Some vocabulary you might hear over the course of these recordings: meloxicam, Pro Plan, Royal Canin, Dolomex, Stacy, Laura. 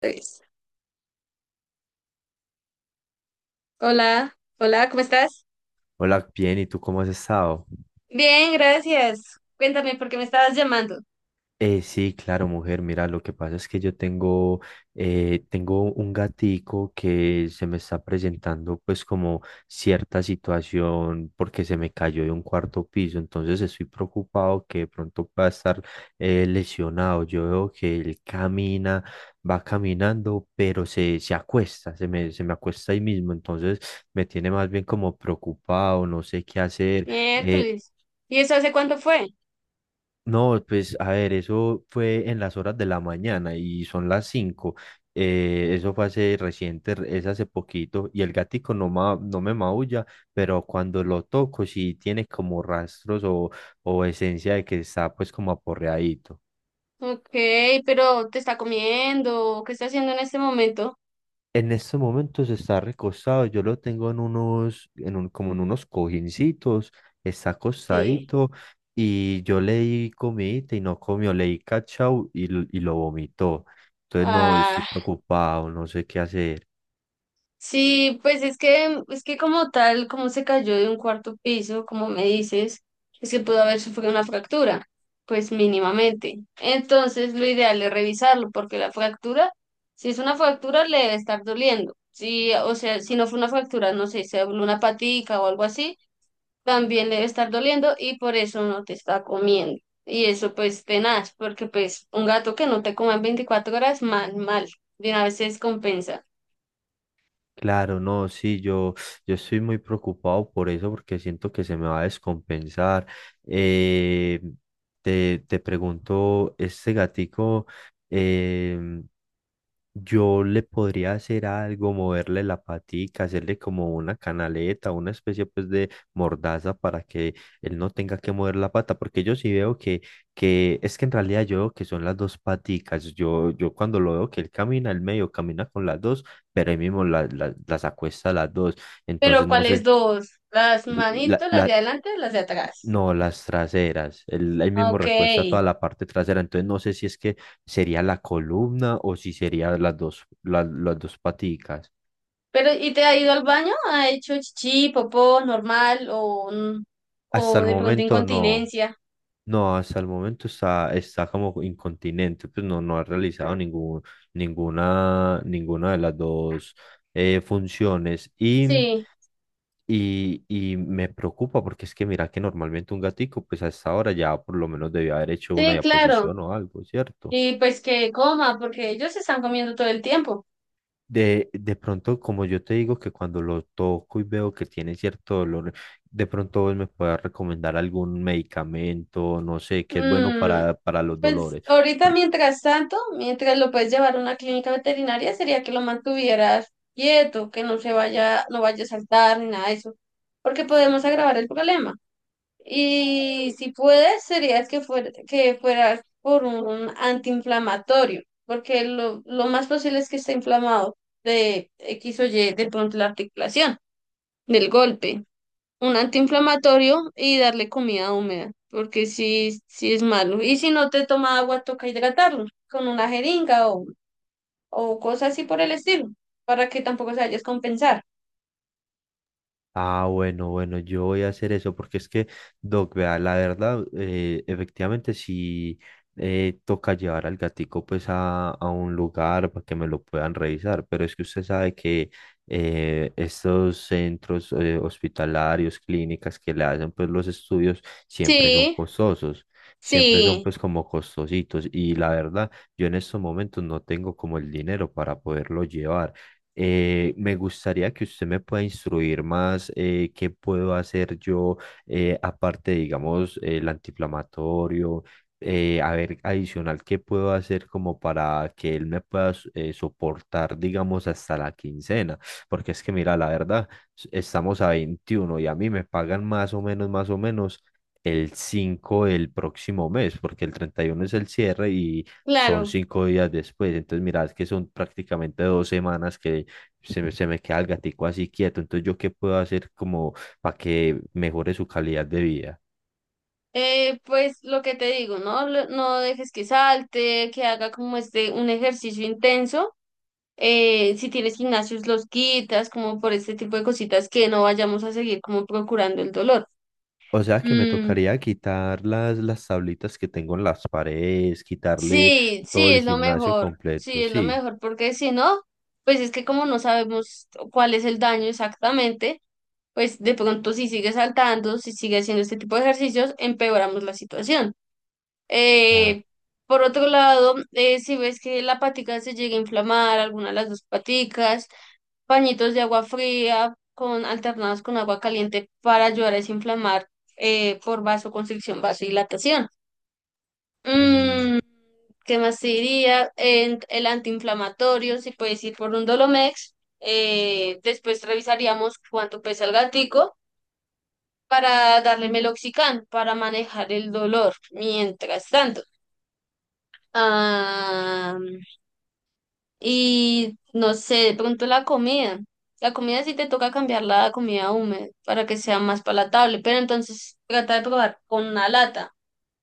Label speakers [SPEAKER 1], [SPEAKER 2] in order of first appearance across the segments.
[SPEAKER 1] Tres. Hola, hola, ¿cómo estás?
[SPEAKER 2] Hola, bien, ¿y tú cómo has estado?
[SPEAKER 1] Bien, gracias. Cuéntame por qué me estabas llamando.
[SPEAKER 2] Sí, claro, mujer, mira, lo que pasa es que tengo un gatico que se me está presentando pues como cierta situación porque se me cayó de un cuarto piso. Entonces estoy preocupado que de pronto pueda estar lesionado. Yo veo que él camina, va caminando, pero se acuesta, se me acuesta ahí mismo. Entonces me tiene más bien como preocupado, no sé qué hacer. eh,
[SPEAKER 1] Miércoles. ¿Y eso hace cuánto fue?
[SPEAKER 2] No, pues a ver, eso fue en las horas de la mañana y son las 5. Eso fue hace reciente, es hace poquito y el gatico no, no me maulla, pero cuando lo toco sí tiene como rastros o esencia de que está pues como aporreadito.
[SPEAKER 1] Ok, pero ¿te está comiendo? ¿Qué está haciendo en este momento?
[SPEAKER 2] En estos momentos está recostado, yo lo tengo en un, como en unos cojincitos, está
[SPEAKER 1] Sí.
[SPEAKER 2] acostadito y yo le di comidita y no comió, le di cachao y lo vomitó. Entonces no, estoy
[SPEAKER 1] Ah.
[SPEAKER 2] preocupado, no sé qué hacer.
[SPEAKER 1] Sí, pues es que como tal, como se cayó de un cuarto piso, como me dices, es que pudo haber sufrido una fractura, pues mínimamente. Entonces, lo ideal es revisarlo, porque la fractura, si es una fractura, le debe estar doliendo. Si, o sea, si no fue una fractura, no sé, se dobló una patica o algo así, también le debe estar doliendo y por eso no te está comiendo. Y eso pues tenaz, porque pues un gato que no te come en 24 horas, mal, mal, de una vez se descompensa.
[SPEAKER 2] Claro, no, sí, yo estoy muy preocupado por eso porque siento que se me va a descompensar. Eh, Te pregunto, este gatico... em, Yo le podría hacer algo, moverle la patica, hacerle como una canaleta, una especie pues de mordaza para que él no tenga que mover la pata, porque yo sí veo que es que en realidad yo veo que son las dos paticas. Yo cuando lo veo que él camina, él medio camina con las dos, pero él mismo las acuesta a las dos.
[SPEAKER 1] Pero
[SPEAKER 2] Entonces no
[SPEAKER 1] ¿cuáles
[SPEAKER 2] sé,
[SPEAKER 1] dos? ¿Las
[SPEAKER 2] la,
[SPEAKER 1] manitos, las de
[SPEAKER 2] la,
[SPEAKER 1] adelante, las de atrás?
[SPEAKER 2] no, las traseras. El, ahí mismo
[SPEAKER 1] Ok.
[SPEAKER 2] recuesta toda la parte trasera. Entonces no sé si es que sería la columna o si serían las dos, las dos paticas.
[SPEAKER 1] Pero ¿y te ha ido al baño? ¿Ha hecho chichi, popó, normal o, n-
[SPEAKER 2] Hasta
[SPEAKER 1] o
[SPEAKER 2] el
[SPEAKER 1] de pronto
[SPEAKER 2] momento no.
[SPEAKER 1] incontinencia?
[SPEAKER 2] No, hasta el momento está, está como incontinente. Pues no, no ha realizado ninguna de las dos funciones.
[SPEAKER 1] Sí,
[SPEAKER 2] Y me preocupa porque es que mira que normalmente un gatico, pues a esta hora ya por lo menos debió haber hecho una
[SPEAKER 1] sí, claro.
[SPEAKER 2] diaposición o algo, ¿cierto?
[SPEAKER 1] Y pues que coma, porque ellos están comiendo todo el tiempo.
[SPEAKER 2] De pronto, como yo te digo que cuando lo toco y veo que tiene cierto dolor, de pronto vos me puedas recomendar algún medicamento, no sé, que es bueno
[SPEAKER 1] Mm,
[SPEAKER 2] para los
[SPEAKER 1] pues
[SPEAKER 2] dolores.
[SPEAKER 1] ahorita, mientras tanto, mientras lo puedes llevar a una clínica veterinaria, sería que lo mantuvieras quieto, que no se vaya, no vaya a saltar ni nada de eso, porque podemos agravar el problema. Y si puedes, sería que fuera, por un antiinflamatorio, porque lo más posible es que esté inflamado de X o Y, de pronto la articulación, del golpe. Un antiinflamatorio y darle comida húmeda, porque si es malo. Y si no te toma agua, toca hidratarlo con una jeringa o cosas así por el estilo, para que tampoco se vayas a compensar.
[SPEAKER 2] Ah, bueno, yo voy a hacer eso porque es que, Doc, vea, la verdad, efectivamente sí toca llevar al gatico pues a un lugar para que me lo puedan revisar, pero es que usted sabe que estos centros hospitalarios, clínicas que le hacen pues los estudios siempre son
[SPEAKER 1] Sí,
[SPEAKER 2] costosos, siempre son
[SPEAKER 1] sí,
[SPEAKER 2] pues como costositos y la verdad, yo en estos momentos no tengo como el dinero para poderlo llevar. Me gustaría que usted me pueda instruir más qué puedo hacer yo, aparte, digamos, el antiinflamatorio, a ver, adicional, qué puedo hacer como para que él me pueda soportar, digamos, hasta la quincena, porque es que, mira, la verdad, estamos a 21 y a mí me pagan más o menos, más o menos el 5 del próximo mes, porque el 31 es el cierre y son
[SPEAKER 1] claro.
[SPEAKER 2] 5 días después. Entonces, mira, es que son prácticamente 2 semanas que se me queda el gatico así quieto. Entonces yo qué puedo hacer como para que mejore su calidad de vida.
[SPEAKER 1] Pues lo que te digo, ¿no? Lo- No dejes que salte, que haga como este un ejercicio intenso. Si tienes gimnasios, los quitas, como por este tipo de cositas que no vayamos a seguir como procurando el dolor.
[SPEAKER 2] O sea que me
[SPEAKER 1] Mm,
[SPEAKER 2] tocaría quitar las tablitas que tengo en las paredes, quitarle
[SPEAKER 1] sí,
[SPEAKER 2] todo
[SPEAKER 1] sí,
[SPEAKER 2] el
[SPEAKER 1] es lo
[SPEAKER 2] gimnasio
[SPEAKER 1] mejor,
[SPEAKER 2] completo,
[SPEAKER 1] sí, es lo
[SPEAKER 2] sí,
[SPEAKER 1] mejor, porque si no, pues es que como no sabemos cuál es el daño exactamente, pues de pronto si sigue saltando, si sigue haciendo este tipo de ejercicios, empeoramos la situación.
[SPEAKER 2] claro.
[SPEAKER 1] Eh, por otro lado, si ves que la patica se llega a inflamar, alguna de las dos paticas, pañitos de agua fría con, alternados con agua caliente para ayudar a desinflamar por vasoconstricción, vasodilatación.
[SPEAKER 2] Mm,
[SPEAKER 1] Mm, ¿qué más te diría? En- el antiinflamatorio, si puedes ir por un Dolomex. Después revisaríamos cuánto pesa el gatico para darle meloxicam para manejar el dolor. Mientras tanto. Ah, y no sé, de pronto la comida. La comida sí te toca cambiar la comida húmeda para que sea más palatable, pero entonces trata de probar con una lata,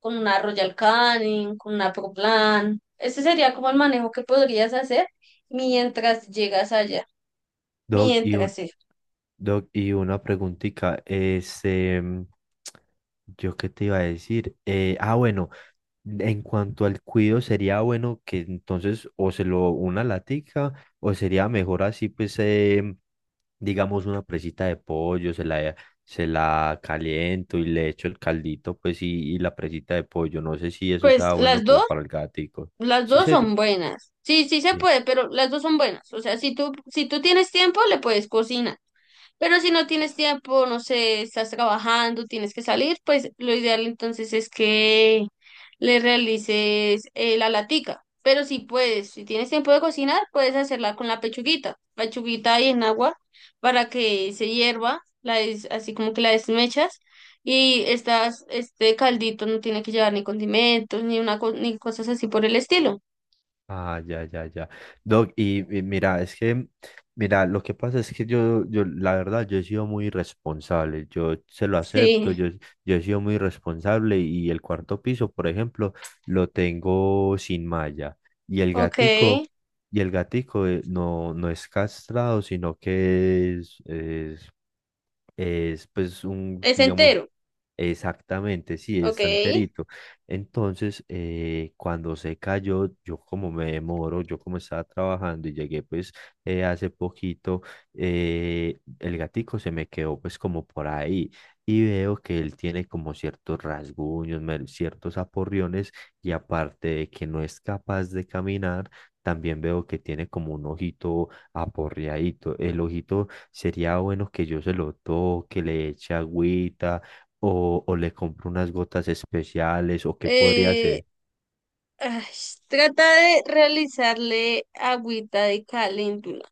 [SPEAKER 1] con una Royal Canin, con una Pro Plan. Ese sería como el manejo que podrías hacer mientras llegas allá,
[SPEAKER 2] Doc, y, un-
[SPEAKER 1] mientras eso.
[SPEAKER 2] Doc, y una preguntita, yo qué te iba a decir. Bueno, en cuanto al cuido, sería bueno que entonces o se lo una latica, o sería mejor así, pues, digamos, una presita de pollo, se la caliento y le echo el caldito, pues, y la presita de pollo, no sé si eso
[SPEAKER 1] Pues
[SPEAKER 2] sea bueno como para el gatico.
[SPEAKER 1] las
[SPEAKER 2] Sí,
[SPEAKER 1] dos
[SPEAKER 2] se...
[SPEAKER 1] son buenas. Sí, sí se
[SPEAKER 2] eh,
[SPEAKER 1] puede, pero las dos son buenas. O sea, si tú tienes tiempo, le puedes cocinar. Pero si no tienes tiempo, no sé, estás trabajando, tienes que salir, pues lo ideal entonces es que le realices la latica. Pero si puedes, si tienes tiempo de cocinar, puedes hacerla con la pechuguita. Pechuguita ahí en agua para que se hierva, la des- así como que la desmechas. Y estas, este caldito no tiene que llevar ni condimentos, ni una co- ni cosas así por el estilo.
[SPEAKER 2] Ah, ya, ya, ya. Y mira, es que, mira, lo que pasa es que la verdad, yo he sido muy irresponsable, yo se lo acepto,
[SPEAKER 1] Sí,
[SPEAKER 2] yo he sido muy irresponsable y el cuarto piso, por ejemplo, lo tengo sin malla y el
[SPEAKER 1] ok.
[SPEAKER 2] y el gatico no, no es castrado, sino que es pues un,
[SPEAKER 1] Es
[SPEAKER 2] digamos,
[SPEAKER 1] entero,
[SPEAKER 2] exactamente, sí,
[SPEAKER 1] ok.
[SPEAKER 2] está enterito. Entonces, cuando se cayó, yo como me demoro, yo como estaba trabajando y llegué pues hace poquito. El gatico se me quedó pues como por ahí y veo que él tiene como ciertos rasguños, ciertos aporriones, y aparte de que no es capaz de caminar, también veo que tiene como un ojito aporreadito. El ojito sería bueno que yo se lo toque, le eche agüita o le compre unas gotas especiales o qué podría
[SPEAKER 1] Eh,
[SPEAKER 2] ser.
[SPEAKER 1] Ay, trata de realizarle agüita de caléndula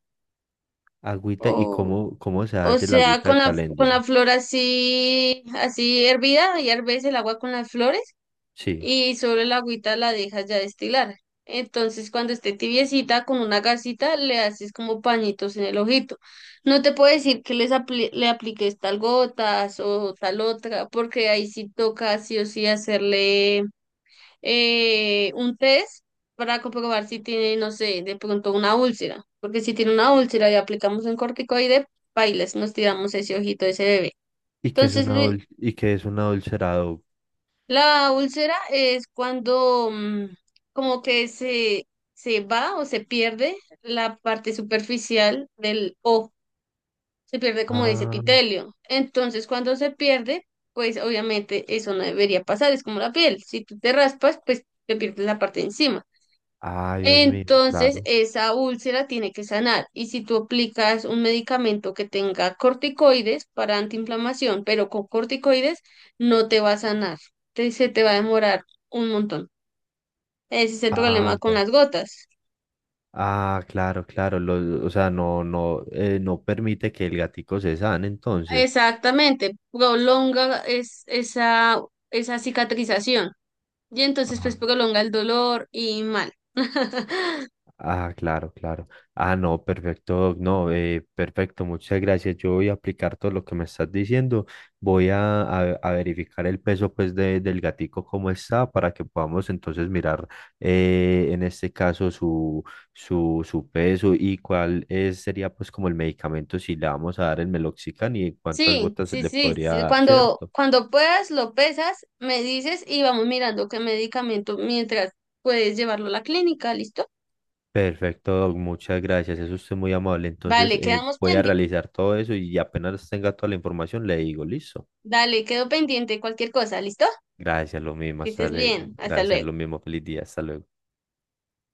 [SPEAKER 2] Agüita y
[SPEAKER 1] o,
[SPEAKER 2] cómo, cómo se
[SPEAKER 1] o
[SPEAKER 2] hace la
[SPEAKER 1] sea,
[SPEAKER 2] agüita de
[SPEAKER 1] con
[SPEAKER 2] caléndula.
[SPEAKER 1] la flor así, así hervida, y herves el agua con las flores
[SPEAKER 2] Sí.
[SPEAKER 1] y sobre la agüita la dejas ya destilar. Entonces, cuando esté tibiecita, con una gasita le haces como pañitos en el ojito. No te puedo decir que les apli- le apliques tal gotas o tal otra, porque ahí sí toca sí o sí hacerle un test para comprobar si tiene, no sé, de pronto una úlcera, porque si tiene una úlcera y aplicamos un corticoide, bailes, nos tiramos ese ojito de ese bebé.
[SPEAKER 2] ¿Y qué es
[SPEAKER 1] Entonces,
[SPEAKER 2] una
[SPEAKER 1] Lu-
[SPEAKER 2] adulcerado?
[SPEAKER 1] la úlcera es cuando como que se va o se pierde la parte superficial del ojo, se pierde como ese
[SPEAKER 2] Ah,
[SPEAKER 1] epitelio. Entonces, cuando se pierde, pues obviamente eso no debería pasar, es como la piel, si tú te raspas, pues te pierdes la parte de encima.
[SPEAKER 2] ah, Dios mío,
[SPEAKER 1] Entonces,
[SPEAKER 2] claro.
[SPEAKER 1] esa úlcera tiene que sanar. Y si tú aplicas un medicamento que tenga corticoides para antiinflamación, pero con corticoides no te va a sanar. Te- se te va a demorar un montón. Ese es el
[SPEAKER 2] Ah,
[SPEAKER 1] problema con
[SPEAKER 2] ya.
[SPEAKER 1] las gotas.
[SPEAKER 2] Ah, claro, claro. O sea, no permite que el gatico se sane entonces.
[SPEAKER 1] Exactamente, prolonga es, esa cicatrización. Y entonces, pues
[SPEAKER 2] Ah.
[SPEAKER 1] prolonga el dolor y mal.
[SPEAKER 2] Ah, claro, claro. Ah, no, perfecto, no, perfecto, muchas gracias. Yo voy a aplicar todo lo que me estás diciendo. A verificar el peso pues del gatico cómo está para que podamos entonces mirar en este caso su peso y cuál es, sería pues como el medicamento si le vamos a dar el meloxicam y cuántas
[SPEAKER 1] Sí,
[SPEAKER 2] gotas
[SPEAKER 1] sí,
[SPEAKER 2] le
[SPEAKER 1] sí,
[SPEAKER 2] podría
[SPEAKER 1] sí,
[SPEAKER 2] dar,
[SPEAKER 1] cuando,
[SPEAKER 2] ¿cierto?
[SPEAKER 1] cuando puedas, lo pesas, me dices y vamos mirando qué medicamento mientras puedes llevarlo a la clínica, ¿listo?
[SPEAKER 2] Perfecto, Doc, muchas gracias. Eso usted muy amable. Entonces,
[SPEAKER 1] Vale, quedamos
[SPEAKER 2] voy a
[SPEAKER 1] pendientes.
[SPEAKER 2] realizar todo eso y apenas tenga toda la información, le digo, listo.
[SPEAKER 1] Dale, quedo pendiente cualquier cosa, ¿listo?
[SPEAKER 2] Gracias, lo mismo,
[SPEAKER 1] Que estés bien. Hasta
[SPEAKER 2] gracias,
[SPEAKER 1] luego.
[SPEAKER 2] lo mismo. Feliz día, hasta luego.